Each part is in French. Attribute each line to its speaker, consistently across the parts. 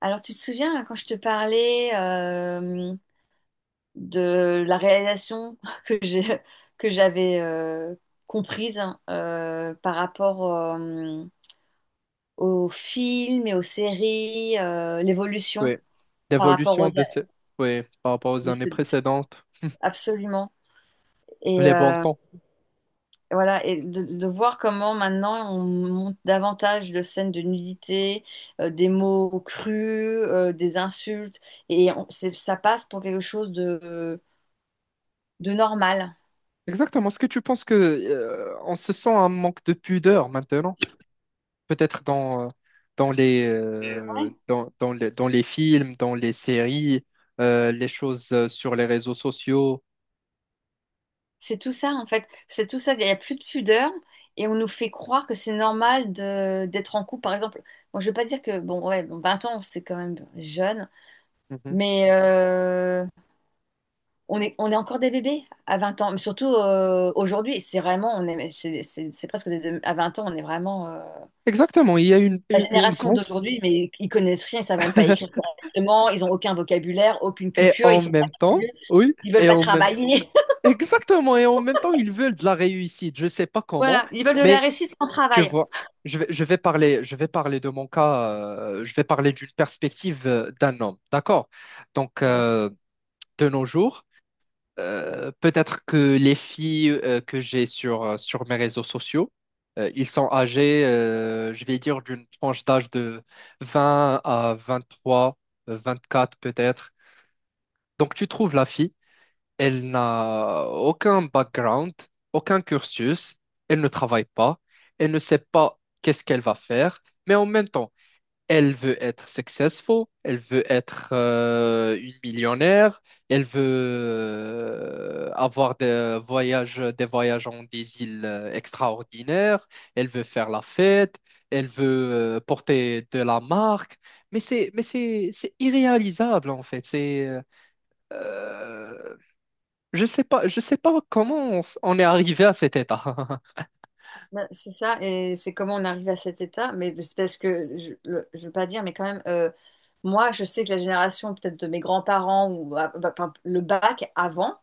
Speaker 1: Alors, tu te souviens hein, quand je te parlais de la réalisation que j'ai, que j'avais comprise hein, par rapport aux films et aux séries, l'évolution
Speaker 2: Oui,
Speaker 1: par rapport aux...
Speaker 2: l'évolution de ces... Oui, par rapport aux
Speaker 1: de
Speaker 2: années
Speaker 1: ce-
Speaker 2: précédentes,
Speaker 1: Absolument. Et
Speaker 2: les bons
Speaker 1: euh,
Speaker 2: temps.
Speaker 1: voilà, et de voir comment maintenant on monte davantage de scènes de nudité, des mots crus, des insultes, ça passe pour quelque chose de normal.
Speaker 2: Exactement. Est-ce que tu penses que on se sent un manque de pudeur maintenant? Peut-être dans, dans les,
Speaker 1: Ouais,
Speaker 2: dans, dans les films, dans les séries, les choses sur les réseaux sociaux.
Speaker 1: c'est tout ça en fait. C'est tout ça. Il n'y a plus de pudeur et on nous fait croire que c'est normal de d'être en couple. Par exemple, moi je veux pas dire que bon ouais, bon, 20 ans c'est quand même jeune,
Speaker 2: Mhm.
Speaker 1: mais on est encore des bébés à 20 ans. Mais surtout aujourd'hui, c'est vraiment on est c'est presque des deux- à 20 ans on est vraiment
Speaker 2: Exactement. Il y a une,
Speaker 1: la
Speaker 2: une, une
Speaker 1: génération
Speaker 2: grosse...
Speaker 1: d'aujourd'hui, mais ils connaissent rien, ils savent même pas écrire correctement, ils ont aucun vocabulaire, aucune
Speaker 2: Et
Speaker 1: culture, ils
Speaker 2: en
Speaker 1: sont pas
Speaker 2: même temps,
Speaker 1: curieux,
Speaker 2: oui,
Speaker 1: ils veulent
Speaker 2: et
Speaker 1: pas
Speaker 2: en même...
Speaker 1: travailler.
Speaker 2: Exactement. Et en même temps, ils veulent de la réussite. Je ne sais pas comment,
Speaker 1: Voilà, ils veulent de la
Speaker 2: mais...
Speaker 1: réussite sans
Speaker 2: Tu
Speaker 1: travail.
Speaker 2: vois, je vais parler de mon cas, je vais parler d'une perspective d'un homme, d'accord? Donc, de nos jours, peut-être que les filles que j'ai sur mes réseaux sociaux, ils sont âgés, je vais dire, d'une tranche d'âge de 20 à 23, 24 peut-être. Donc, tu trouves la fille. Elle n'a aucun background, aucun cursus, elle ne travaille pas, elle ne sait pas qu'est-ce qu'elle va faire, mais en même temps, elle veut être successful, elle veut être une millionnaire, elle veut avoir des voyages en des îles extraordinaires, elle veut faire la fête, elle veut porter de la marque, mais c'est irréalisable en fait, c'est euh, je sais pas comment on est arrivé à cet état.
Speaker 1: Ben, c'est ça, et c'est comment on arrive à cet état, mais c'est parce que, je ne veux pas dire, mais quand même, moi, je sais que la génération peut-être de mes grands-parents, ou ah, bah, par exemple, le bac avant,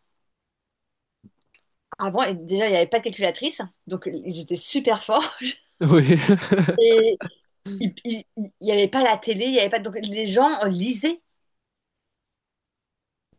Speaker 1: avant, et déjà, il n'y avait pas de calculatrice, donc ils étaient super forts,
Speaker 2: Oui.
Speaker 1: et il n'y avait pas la télé, il y avait pas, donc les gens lisaient,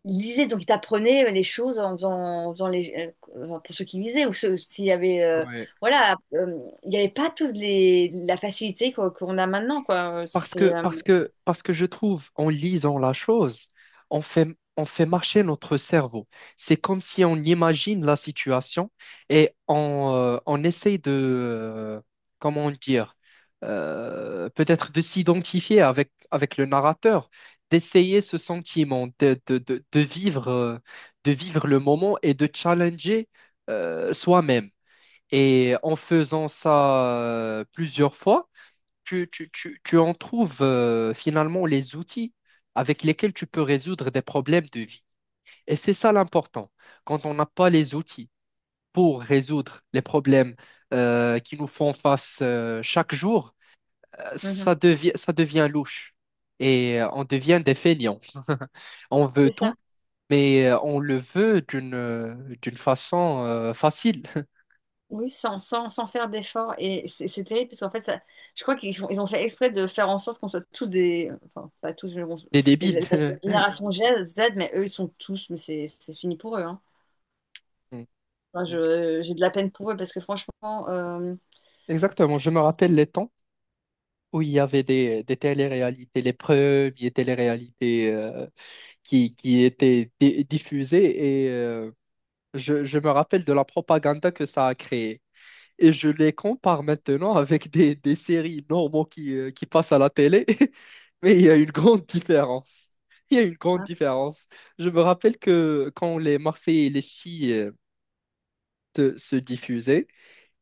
Speaker 1: ils lisaient, donc ils t'apprenaient les choses en faisant, en faisant les, enfin, pour ceux qui lisaient, ou ceux, s'il y avait,
Speaker 2: Ouais.
Speaker 1: voilà, il n'y avait pas toute les, la facilité qu'on a maintenant, quoi,
Speaker 2: Parce que, parce que, parce que je trouve, en lisant la chose, on fait, on fait marcher notre cerveau. C'est comme si on imagine la situation et on essaye de, euh, comment dire, peut-être de s'identifier avec le narrateur, d'essayer ce sentiment, de vivre le moment et de challenger, soi-même. Et en faisant ça plusieurs fois, tu en trouves finalement les outils avec lesquels tu peux résoudre des problèmes de vie. Et c'est ça l'important. Quand on n'a pas les outils pour résoudre les problèmes qui nous font face chaque jour,
Speaker 1: Mhm.
Speaker 2: ça devient louche. Et on devient des fainéants. On veut
Speaker 1: C'est ça.
Speaker 2: tout, mais on le veut d'une d'une façon facile,
Speaker 1: Oui, sans faire d'efforts. Et c'est terrible parce qu'en fait, ça, je crois ils ont fait exprès de faire en sorte qu'on soit tous des. Enfin, pas tous, mais bon,
Speaker 2: des
Speaker 1: mais
Speaker 2: débiles.
Speaker 1: la génération Z, mais eux, ils sont tous, mais c'est fini pour eux, hein. Enfin, j'ai de la peine pour eux parce que franchement.
Speaker 2: Exactement, je me rappelle les temps où il y avait des téléréalités, les premières téléréalités qui étaient diffusées et je me rappelle de la propagande que ça a créée. Et je les compare maintenant avec des séries normaux qui passent à la télé, mais il y a une grande différence. Il y a une grande
Speaker 1: Ah,
Speaker 2: différence. Je me rappelle que quand les Marseillais et les Chi se diffusaient,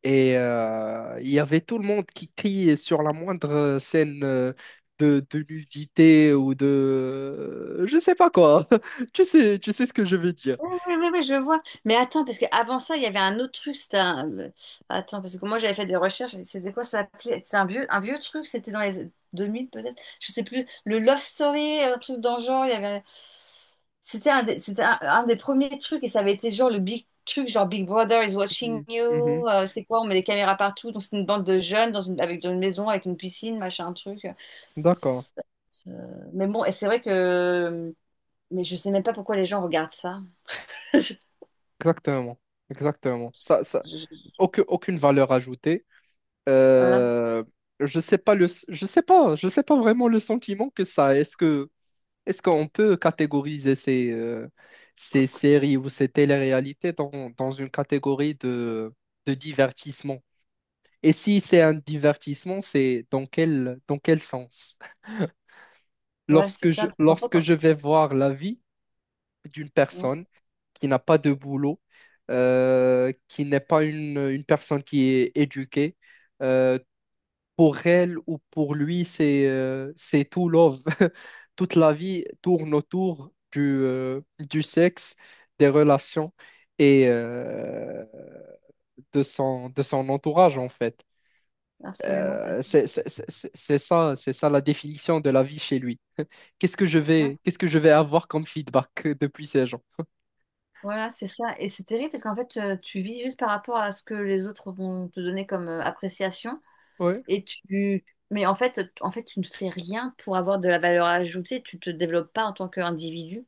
Speaker 2: et il y avait tout le monde qui criait sur la moindre scène de nudité ou de... Je sais pas quoi. Tu sais ce que je veux dire.
Speaker 1: oui, oui, oui, oui, je vois. Mais attends, parce qu'avant ça, il y avait un autre truc. Attends, parce que moi, j'avais fait des recherches. C'était quoi ça s'appelait? Un vieux truc. C'était dans les 2000 peut-être. Je sais plus. Le Love Story, un truc dans le genre. Il y avait... c'était un des premiers trucs. Et ça avait été genre le big truc, genre Big Brother is watching
Speaker 2: Mhm.
Speaker 1: you.
Speaker 2: Mhm.
Speaker 1: C'est quoi? On met des caméras partout. Donc, c'est une bande de jeunes dans une maison, avec une piscine, machin, truc.
Speaker 2: D'accord.
Speaker 1: Mais bon, et c'est vrai que... Mais je sais même pas pourquoi les gens regardent ça.
Speaker 2: Exactement. Exactement. Ça... Aucune valeur ajoutée.
Speaker 1: Voilà.
Speaker 2: Euh, Je sais pas le... je sais pas vraiment le sentiment que ça a. Est-ce qu'on peut catégoriser ces séries ou ces téléréalités dans, dans une catégorie de divertissement? Et si c'est un divertissement, c'est dans dans quel sens?
Speaker 1: Ouais, c'est ça. Parce qu'en fait,
Speaker 2: Lorsque je vais voir la vie d'une
Speaker 1: ouais,
Speaker 2: personne qui n'a pas de boulot, qui n'est pas une personne qui est éduquée, euh, pour elle ou pour lui, c'est tout love. Toute la vie tourne autour du sexe, des relations et de son entourage, en fait.
Speaker 1: absolument, c'est ça.
Speaker 2: C'est ça la définition de la vie chez lui.
Speaker 1: Ouais,
Speaker 2: Qu'est-ce que je vais avoir comme feedback depuis ces gens?
Speaker 1: voilà, c'est ça. Et c'est terrible parce qu'en fait, tu vis juste par rapport à ce que les autres vont te donner comme appréciation.
Speaker 2: Ouais,
Speaker 1: Et tu... Mais en fait, en fait, tu ne fais rien pour avoir de la valeur ajoutée. Tu te développes pas en tant qu'individu.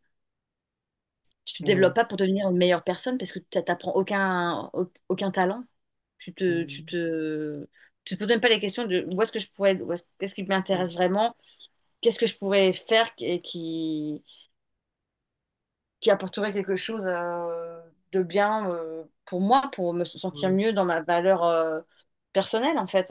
Speaker 1: Tu te développes
Speaker 2: ouais.
Speaker 1: pas pour devenir une meilleure personne parce que tu n'apprends aucun talent. Tu te, tu
Speaker 2: Mm,
Speaker 1: te... Tu te poses même pas les questions de où est-ce que je pourrais, où est-ce- qu'est-ce qui
Speaker 2: mm,
Speaker 1: m'intéresse vraiment, qu'est-ce que je pourrais faire qui apporterait quelque chose de bien pour moi, pour me sentir
Speaker 2: ouais. Je
Speaker 1: mieux dans ma valeur personnelle, en fait.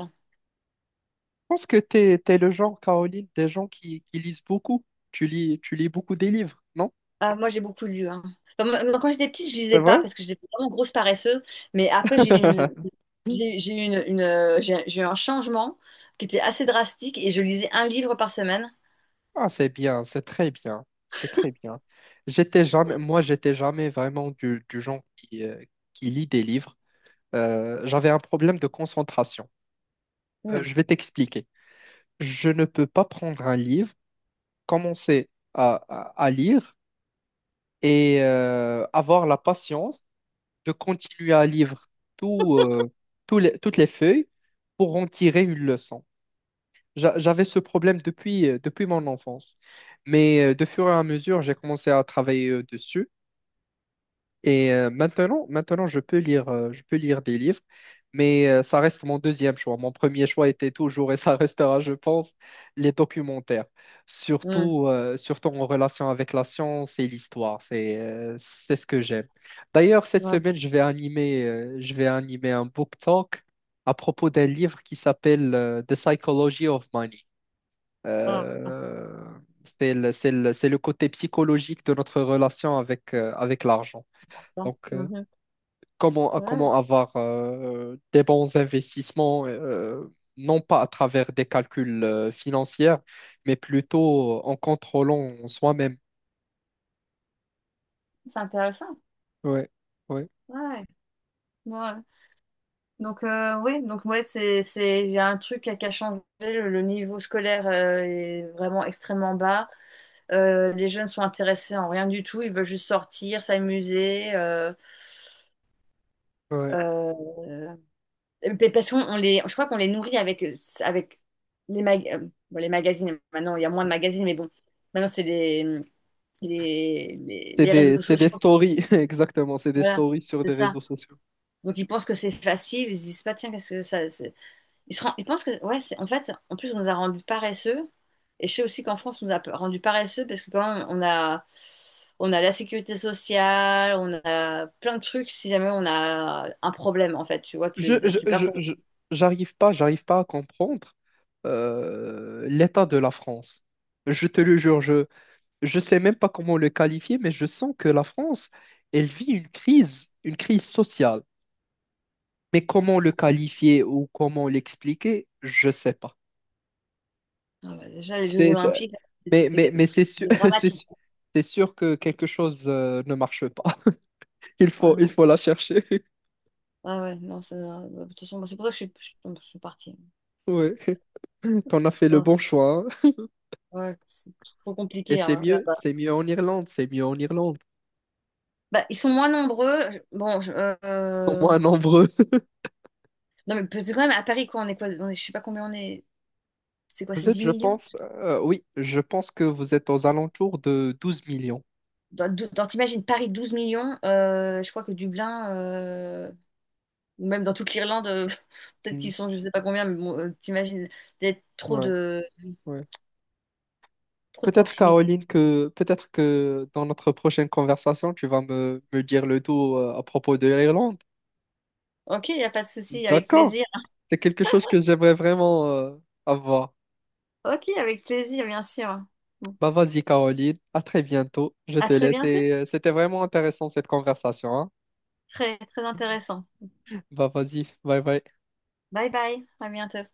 Speaker 2: pense que tu es, le genre, Caroline, des gens qui lisent beaucoup. Tu lis beaucoup des livres, non?
Speaker 1: Ah, moi, j'ai beaucoup lu, hein. Enfin, moi, quand j'étais petite, je
Speaker 2: C'est
Speaker 1: lisais pas
Speaker 2: vrai?
Speaker 1: parce que j'étais vraiment grosse paresseuse. Mais après, j'ai une, j'ai eu une, j'ai eu un changement qui était assez drastique et je lisais un livre par semaine.
Speaker 2: Ah, c'est bien, c'est très bien, c'est très bien. J'étais jamais, moi, j'étais jamais vraiment du genre qui lit des livres. J'avais un problème de concentration.
Speaker 1: Mm,
Speaker 2: Je vais t'expliquer. Je ne peux pas prendre un livre, commencer à, à lire et avoir la patience de continuer à lire tout, toutes les feuilles pour en tirer une leçon. J'avais ce problème depuis, depuis mon enfance. Mais de fur et à mesure, j'ai commencé à travailler dessus. Et maintenant, je peux lire des livres, mais ça reste mon deuxième choix. Mon premier choix était toujours, et ça restera, je pense, les documentaires.
Speaker 1: mm,
Speaker 2: Surtout, surtout en relation avec la science et l'histoire. C'est ce que j'aime. D'ailleurs, cette
Speaker 1: ouais,
Speaker 2: semaine, je vais animer un book talk à propos d'un livre qui s'appelle The Psychology of Money.
Speaker 1: ouais,
Speaker 2: Euh, c'est le côté psychologique de notre relation avec, avec l'argent.
Speaker 1: ouais,
Speaker 2: Donc,
Speaker 1: mhm.
Speaker 2: comment,
Speaker 1: Ouais,
Speaker 2: comment avoir des bons investissements, non pas à travers des calculs financiers, mais plutôt en contrôlant soi-même.
Speaker 1: c'est intéressant.
Speaker 2: Ouais, ouais,
Speaker 1: Ouais, ouais. Donc oui, donc ouais, c'est il y a un truc qui a changé. Le niveau scolaire est vraiment extrêmement bas. Les jeunes sont intéressés en rien du tout. Ils veulent juste sortir, s'amuser.
Speaker 2: ouais.
Speaker 1: Euh, et puis, parce qu'on on les, je crois qu'on les nourrit avec les mag- euh, bon, les magazines. Maintenant, il y a moins de magazines, mais bon, maintenant c'est
Speaker 2: C'est
Speaker 1: les réseaux
Speaker 2: c'est des
Speaker 1: sociaux.
Speaker 2: stories, exactement, c'est des
Speaker 1: Voilà,
Speaker 2: stories sur
Speaker 1: c'est
Speaker 2: des
Speaker 1: ça.
Speaker 2: réseaux sociaux.
Speaker 1: Donc ils pensent que c'est facile. Ils se disent pas tiens, qu'est-ce que ça. Il pense que, ouais, en fait, en plus, on nous a rendus paresseux. Et je sais aussi qu'en France, on nous a rendus paresseux parce que quand même, on a la sécurité sociale, on a plein de trucs si jamais on a un problème, en fait. Tu vois,
Speaker 2: je, je,
Speaker 1: tu perds
Speaker 2: je,
Speaker 1: ton...
Speaker 2: je- j'arrive pas à comprendre l'état de la France. Je te le jure, je sais même pas comment le qualifier, mais je sens que la France, elle vit une crise sociale. Mais comment le qualifier ou comment l'expliquer, je sais pas.
Speaker 1: Ah ouais, déjà, les Jeux
Speaker 2: C'est, c'est-
Speaker 1: Olympiques, c'était
Speaker 2: mais c'est sûr,
Speaker 1: c'était dramatique.
Speaker 2: c'est sûr que quelque chose ne marche pas.
Speaker 1: Ah
Speaker 2: Il
Speaker 1: non,
Speaker 2: faut la chercher.
Speaker 1: ah ouais, non, ça- de toute façon, c'est pour ça que je suis partie.
Speaker 2: Oui, on a fait le bon
Speaker 1: Ah
Speaker 2: choix, hein.
Speaker 1: ouais, c'est trop
Speaker 2: Et
Speaker 1: compliqué hein, là-bas.
Speaker 2: c'est mieux en Irlande, c'est mieux en Irlande.
Speaker 1: Bah, ils sont moins nombreux. Bon,
Speaker 2: Au
Speaker 1: euh,
Speaker 2: moins nombreux.
Speaker 1: non, mais parce que quand même, à Paris, quoi? On est, je sais pas combien on est. C'est quoi,
Speaker 2: Vous
Speaker 1: c'est
Speaker 2: êtes,
Speaker 1: 10
Speaker 2: je
Speaker 1: millions?
Speaker 2: pense, oui, je pense que vous êtes aux alentours de 12 millions.
Speaker 1: T'imagines Paris 12 millions, je crois que Dublin, ou même dans toute l'Irlande, peut-être
Speaker 2: Mm.
Speaker 1: qu'ils sont je sais pas combien, mais bon, t'imagines d'être
Speaker 2: Ouais, ouais.
Speaker 1: trop de
Speaker 2: Peut-être,
Speaker 1: proximité.
Speaker 2: Caroline, que peut-être que dans notre prochaine conversation, tu vas me, me dire le tout à propos de l'Irlande.
Speaker 1: Ok, il n'y a pas de souci, avec
Speaker 2: D'accord.
Speaker 1: plaisir.
Speaker 2: C'est quelque chose que j'aimerais vraiment avoir.
Speaker 1: Ok, avec plaisir, bien sûr. Bon.
Speaker 2: Bah vas-y, Caroline, à très bientôt. Je
Speaker 1: À
Speaker 2: te
Speaker 1: très
Speaker 2: laisse
Speaker 1: bientôt.
Speaker 2: et c'était vraiment intéressant cette conversation, hein.
Speaker 1: Très, très intéressant.
Speaker 2: Bah vas-y, bye bye.
Speaker 1: Bye bye, à bientôt.